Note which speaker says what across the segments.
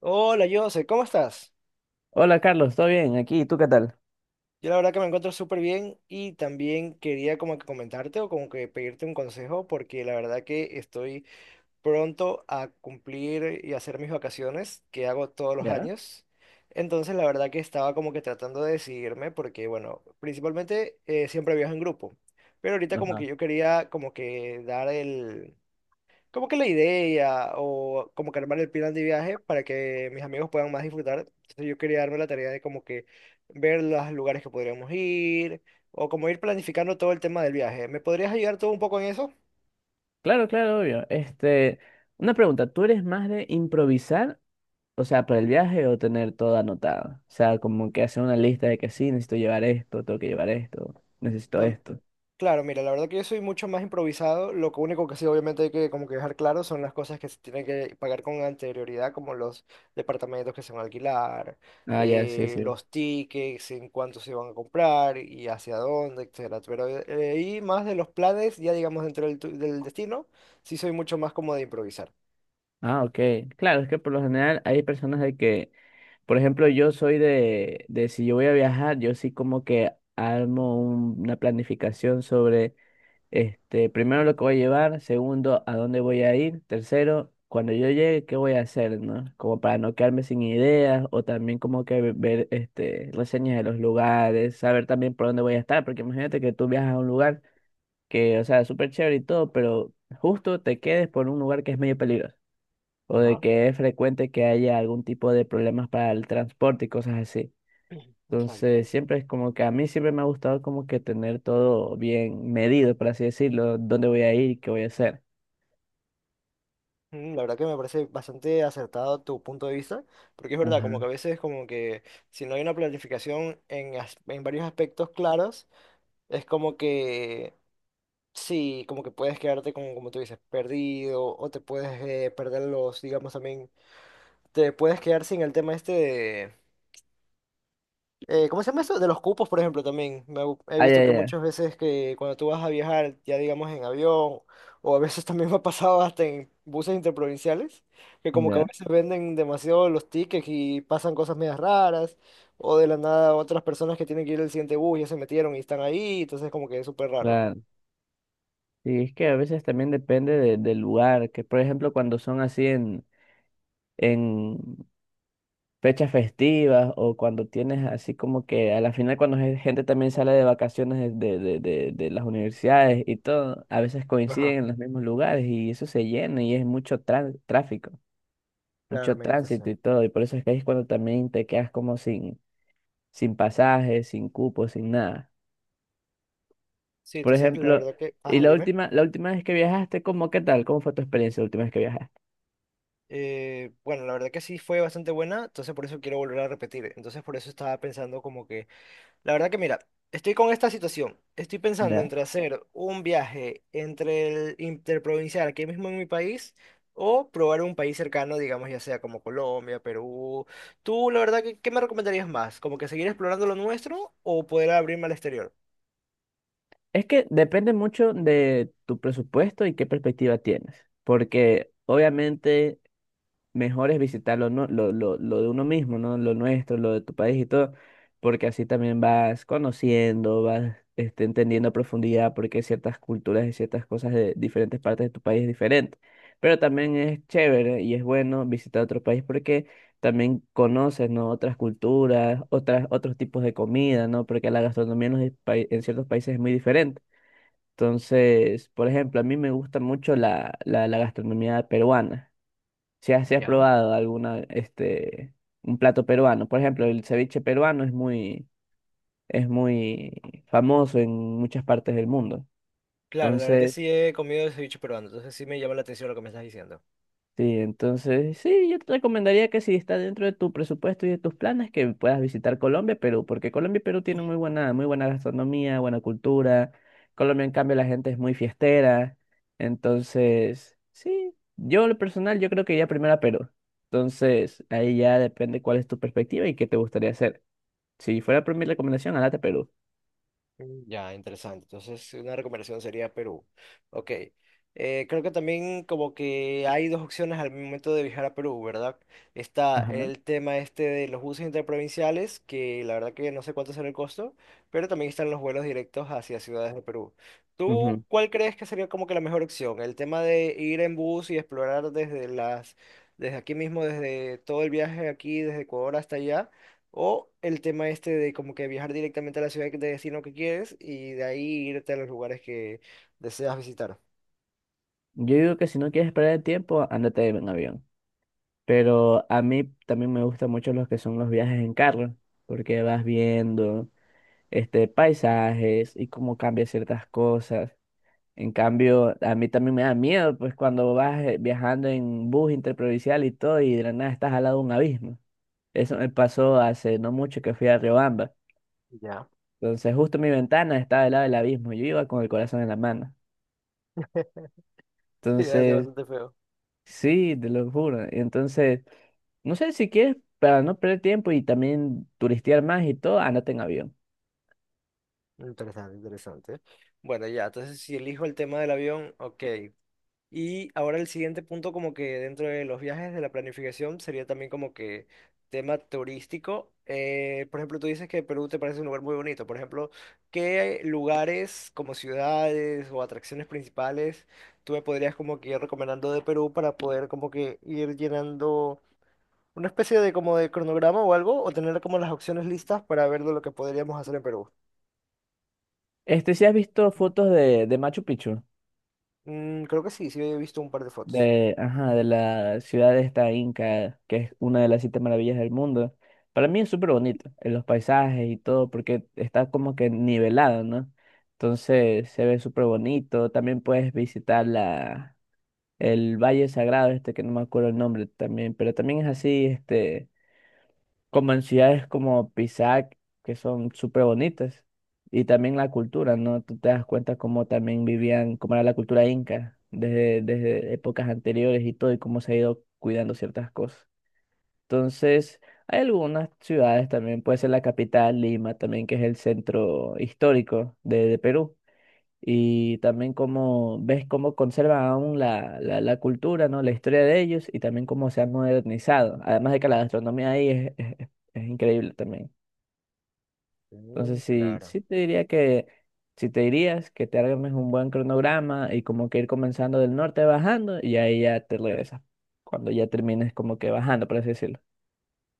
Speaker 1: Hola, Jose, ¿cómo estás?
Speaker 2: Hola Carlos, ¿todo bien? Aquí, ¿tú qué tal?
Speaker 1: Yo la verdad que me encuentro súper bien y también quería como que comentarte o como que pedirte un consejo porque la verdad que estoy pronto a cumplir y hacer mis vacaciones que hago todos los
Speaker 2: ¿Ya?
Speaker 1: años. Entonces la verdad que estaba como que tratando de decidirme porque bueno, principalmente siempre viajo en grupo, pero ahorita como
Speaker 2: Ajá.
Speaker 1: que yo quería como que dar el como que la idea o como que armar el plan de viaje para que mis amigos puedan más disfrutar. Entonces yo quería darme la tarea de como que ver los lugares que podríamos ir o como ir planificando todo el tema del viaje. ¿Me podrías ayudar tú un poco en eso?
Speaker 2: Claro, claro, obvio. Una pregunta, ¿tú eres más de improvisar, o sea, para el viaje o tener todo anotado? O sea, como que hacer una lista de que sí, necesito llevar esto, tengo que llevar esto, necesito
Speaker 1: No-
Speaker 2: esto.
Speaker 1: Claro, mira, la verdad que yo soy mucho más improvisado. Lo que único que sí, obviamente, hay que como que dejar claro son las cosas que se tienen que pagar con anterioridad, como los departamentos que se van a alquilar,
Speaker 2: Ah, ya, sí, sí.
Speaker 1: los tickets, en cuánto se van a comprar y hacia dónde, etcétera. Pero ahí más de los planes, ya digamos dentro del, del destino, sí soy mucho más como de improvisar.
Speaker 2: Ah, ok. Claro, es que por lo general hay personas de que, por ejemplo, yo soy de si yo voy a viajar, yo sí como que armo una planificación sobre. Primero lo que voy a llevar, segundo, a dónde voy a ir, tercero, cuando yo llegue, qué voy a hacer, ¿no? Como para no quedarme sin ideas o también como que ver reseñas de los lugares, saber también por dónde voy a estar, porque imagínate que tú viajas a un lugar que, o sea, es súper chévere y todo, pero justo te quedes por un lugar que es medio peligroso o de
Speaker 1: Ajá.
Speaker 2: que es frecuente que haya algún tipo de problemas para el transporte y cosas así. Entonces,
Speaker 1: Exactamente.
Speaker 2: siempre es como que a mí siempre me ha gustado como que tener todo bien medido, por así decirlo, dónde voy a ir qué voy a hacer.
Speaker 1: La verdad que me parece bastante acertado tu punto de vista, porque es verdad,
Speaker 2: Ajá.
Speaker 1: como que a veces como que si no hay una planificación en, en varios aspectos claros, es como que sí, como que puedes quedarte como, como tú dices, perdido, o te puedes perder los, digamos también, te puedes quedar sin el tema este ¿cómo se llama eso? De los cupos, por ejemplo, también. He
Speaker 2: Ah,
Speaker 1: visto
Speaker 2: ya,
Speaker 1: que
Speaker 2: ya,
Speaker 1: muchas veces que cuando tú vas a viajar, ya digamos en avión, o a veces también me ha pasado hasta en buses interprovinciales, que como que a
Speaker 2: ya,
Speaker 1: veces venden demasiado los tickets y pasan cosas medias raras, o de la nada otras personas que tienen que ir al siguiente bus ya se metieron y están ahí, entonces como que es súper raro.
Speaker 2: claro. Y es que a veces también depende del lugar, que por ejemplo cuando son así en fechas festivas o cuando tienes así como que a la final cuando gente también sale de vacaciones de las universidades y todo, a veces coinciden
Speaker 1: Ajá,
Speaker 2: en los mismos lugares y eso se llena y es mucho tráfico. Mucho
Speaker 1: claramente, sí.
Speaker 2: tránsito y todo, y por eso es que ahí es cuando también te quedas como sin, sin pasajes, sin cupos, sin nada.
Speaker 1: Sí,
Speaker 2: Por
Speaker 1: entonces la
Speaker 2: ejemplo,
Speaker 1: verdad que,
Speaker 2: y
Speaker 1: ajá, dime.
Speaker 2: la última vez que viajaste, ¿cómo qué tal? ¿Cómo fue tu experiencia la última vez que viajaste?
Speaker 1: Bueno, la verdad que sí fue bastante buena, entonces por eso quiero volver a repetir. Entonces por eso estaba pensando como que... La verdad que mira, estoy con esta situación. Estoy pensando
Speaker 2: Ya.
Speaker 1: entre hacer un viaje entre el interprovincial aquí mismo en mi país o probar un país cercano, digamos, ya sea como Colombia, Perú. Tú, la verdad, que, ¿qué me recomendarías más? ¿Como que seguir explorando lo nuestro o poder abrirme al exterior?
Speaker 2: Es que depende mucho de tu presupuesto y qué perspectiva tienes, porque obviamente mejor es visitar lo de uno mismo, ¿no? Lo nuestro, lo de tu país y todo, porque así también vas conociendo, vas entendiendo a profundidad por qué ciertas culturas y ciertas cosas de diferentes partes de tu país es diferente. Pero también es chévere y es bueno visitar otro país porque también conoces, ¿no? Otras culturas, otras, otros tipos de comida, ¿no? Porque la gastronomía en, en ciertos países es muy diferente. Entonces, por ejemplo, a mí me gusta mucho la gastronomía peruana. Si has
Speaker 1: Ya.
Speaker 2: probado alguna, un plato peruano. Por ejemplo, el ceviche peruano es muy famoso en muchas partes del mundo.
Speaker 1: Claro, la verdad que
Speaker 2: entonces
Speaker 1: sí he comido ceviche peruano, entonces sí me llama la atención lo que me estás diciendo.
Speaker 2: Sí, entonces sí, yo te recomendaría que si está dentro de tu presupuesto y de tus planes, que puedas visitar Colombia, Perú, porque Colombia y Perú tienen muy buena gastronomía, buena cultura. Colombia, en cambio, la gente es muy fiestera. Entonces, sí, yo en lo personal, yo creo que iría primero a Perú. Entonces, ahí ya depende cuál es tu perspectiva y qué te gustaría hacer. Si fuera por mi recomendación, ándate a Perú.
Speaker 1: Ya, interesante. Entonces, una recomendación sería Perú. Ok. Creo que también como que hay dos opciones al momento de viajar a Perú, ¿verdad? Está
Speaker 2: Ajá.
Speaker 1: el tema este de los buses interprovinciales, que la verdad que no sé cuánto será el costo, pero también están los vuelos directos hacia ciudades de Perú. ¿Tú
Speaker 2: Ujú.
Speaker 1: cuál crees que sería como que la mejor opción? ¿El tema de ir en bus y explorar desde las, desde aquí mismo, desde todo el viaje aquí, desde Ecuador hasta allá? O el tema este de como que viajar directamente a la ciudad de destino que quieres y de ahí irte a los lugares que deseas visitar.
Speaker 2: Yo digo que si no quieres perder el tiempo, ándate en avión. Pero a mí también me gustan mucho los que son los viajes en carro, porque vas viendo paisajes y cómo cambia ciertas cosas. En cambio, a mí también me da miedo, pues cuando vas viajando en bus interprovincial y todo, y de la nada estás al lado de un abismo. Eso me pasó hace no mucho que fui a Riobamba.
Speaker 1: Ya.
Speaker 2: Entonces, justo mi ventana estaba al lado del abismo. Yo iba con el corazón en la mano.
Speaker 1: Sí, hace
Speaker 2: Entonces,
Speaker 1: bastante feo.
Speaker 2: sí, te lo juro. Entonces. No sé si quieres, para no perder tiempo y también turistear más y todo, andate en avión.
Speaker 1: Interesante, interesante. Bueno, ya, entonces si elijo el tema del avión, ok. Y ahora el siguiente punto, como que dentro de los viajes, de la planificación, sería también como que tema turístico. Por ejemplo, tú dices que Perú te parece un lugar muy bonito. Por ejemplo, ¿qué lugares como ciudades o atracciones principales tú me podrías como que ir recomendando de Perú para poder como que ir llenando una especie de como de cronograma o algo, o tener como las opciones listas para ver de lo que podríamos hacer en Perú?
Speaker 2: ¿Si has visto fotos de Machu Picchu?
Speaker 1: Creo que sí, sí he visto un par de fotos.
Speaker 2: De, ajá, de la ciudad de esta Inca, que es una de las siete maravillas del mundo. Para mí es súper bonito, en los paisajes y todo, porque está como que nivelado, ¿no? Entonces se ve súper bonito. También puedes visitar el Valle Sagrado, que no me acuerdo el nombre también, pero también es así, como en ciudades como Pisac, que son súper bonitas, y también la cultura, ¿no? Tú te das cuenta cómo también vivían, cómo era la cultura inca desde épocas anteriores y todo, y cómo se ha ido cuidando ciertas cosas. Entonces, hay algunas ciudades también, puede ser la capital, Lima, también, que es el centro histórico de Perú y también cómo ves cómo conservan aún la cultura, ¿no? La historia de ellos y también cómo se han modernizado. Además de que la gastronomía ahí es increíble también.
Speaker 1: Mm,
Speaker 2: Entonces, sí,
Speaker 1: claro.
Speaker 2: sí te diría que, si te dirías que te armes un buen cronograma y como que ir comenzando del norte bajando y ahí ya te regresas, cuando ya termines como que bajando, por así decirlo.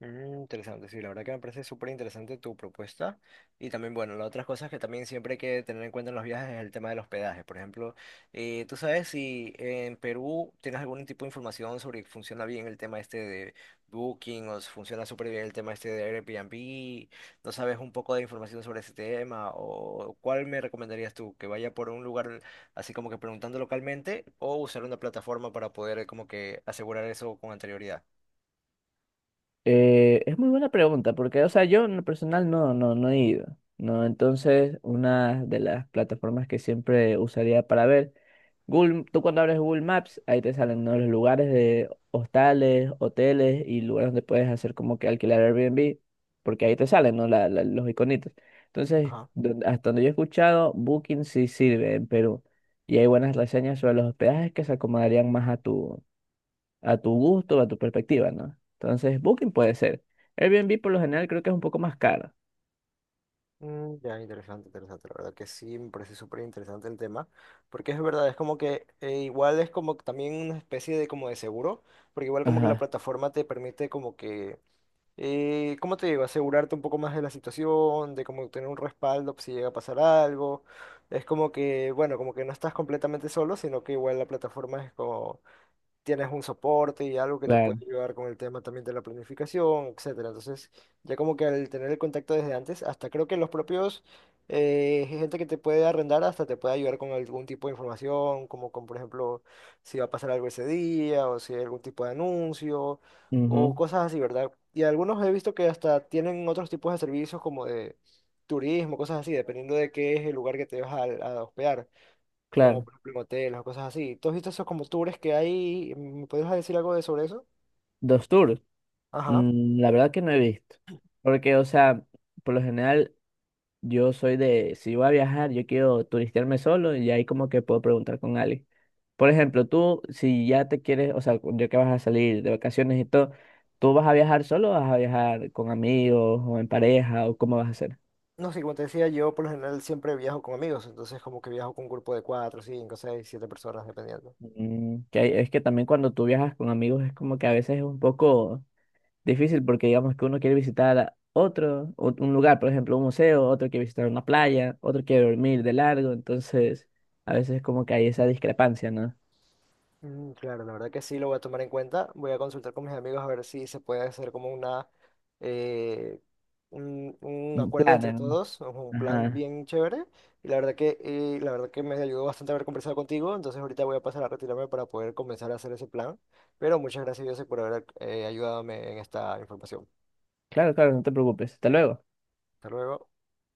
Speaker 1: Mm, interesante, sí, la verdad que me parece súper interesante tu propuesta. Y también, bueno, las otras cosas que también siempre hay que tener en cuenta en los viajes es el tema del hospedaje. Por ejemplo, ¿tú sabes si en Perú tienes algún tipo de información sobre que funciona bien el tema este de Booking o si funciona súper bien el tema este de Airbnb? ¿No sabes un poco de información sobre ese tema? ¿O cuál me recomendarías tú? ¿Que vaya por un lugar así como que preguntando localmente o usar una plataforma para poder como que asegurar eso con anterioridad?
Speaker 2: Es muy buena pregunta, porque, o sea, yo en lo personal no he ido, ¿no? Entonces, una de las plataformas que siempre usaría para ver, Google, tú cuando abres Google Maps, ahí te salen, ¿no? Los lugares de hostales, hoteles y lugares donde puedes hacer como que alquilar Airbnb, porque ahí te salen, ¿no? Los iconitos. Entonces, hasta donde yo he escuchado, Booking sí sirve en Perú, y hay buenas reseñas sobre los hospedajes que se acomodarían más a tu gusto, a tu perspectiva, ¿no? Entonces, Booking puede ser. Airbnb por lo general creo que es un poco más caro.
Speaker 1: Ya, interesante, interesante. La verdad que sí, me parece súper interesante el tema, porque es verdad, es como que igual es como que también una especie de como de seguro, porque igual como que la
Speaker 2: Ajá,
Speaker 1: plataforma te permite como que, ¿cómo te digo? Asegurarte un poco más de la situación, de como tener un respaldo si llega a pasar algo. Es como que, bueno, como que no estás completamente solo, sino que igual la plataforma es como, tienes un soporte y algo que te puede
Speaker 2: claro.
Speaker 1: ayudar con el tema también de la planificación, etcétera. Entonces, ya como que al tener el contacto desde antes, hasta creo que los propios gente que te puede arrendar hasta te puede ayudar con algún tipo de información, como con, por ejemplo, si va a pasar algo ese día o si hay algún tipo de anuncio o
Speaker 2: Ujú,
Speaker 1: cosas así, ¿verdad? Y algunos he visto que hasta tienen otros tipos de servicios como de turismo, cosas así, dependiendo de qué es el lugar que te vas a hospedar como
Speaker 2: claro.
Speaker 1: por ejemplo en hoteles o cosas así. ¿Tú has visto esos como tours que hay? ¿Me puedes decir algo de sobre eso?
Speaker 2: Dos tours.
Speaker 1: Ajá.
Speaker 2: La verdad que no he visto. Porque, o sea, por lo general yo soy de, si voy a viajar, yo quiero turistearme solo y ahí como que puedo preguntar con alguien. Por ejemplo, tú, si ya te quieres, o sea, ya que vas a salir de vacaciones y todo, ¿tú vas a viajar solo o vas a viajar con amigos o en pareja o cómo vas a hacer?
Speaker 1: No sé, como te decía, yo por lo general siempre viajo con amigos, entonces como que viajo con un grupo de cuatro, cinco, seis, siete personas, dependiendo.
Speaker 2: Mm, es que también cuando tú viajas con amigos es como que a veces es un poco difícil porque digamos que uno quiere visitar a otro, un lugar, por ejemplo, un museo, otro quiere visitar una playa, otro quiere dormir de largo, entonces a veces es como que hay esa discrepancia, ¿no?
Speaker 1: Claro, la verdad que sí, lo voy a tomar en cuenta. Voy a consultar con mis amigos a ver si se puede hacer como una, eh, un,
Speaker 2: Un
Speaker 1: acuerdo
Speaker 2: plan,
Speaker 1: entre todos, o un
Speaker 2: ¿no?
Speaker 1: plan
Speaker 2: Ajá.
Speaker 1: bien chévere. Y la verdad que me ayudó bastante haber conversado contigo. Entonces ahorita voy a pasar a retirarme para poder comenzar a hacer ese plan. Pero muchas gracias, José, por haber ayudado en esta información.
Speaker 2: Claro, claro, no te preocupes. Hasta luego.
Speaker 1: Hasta luego.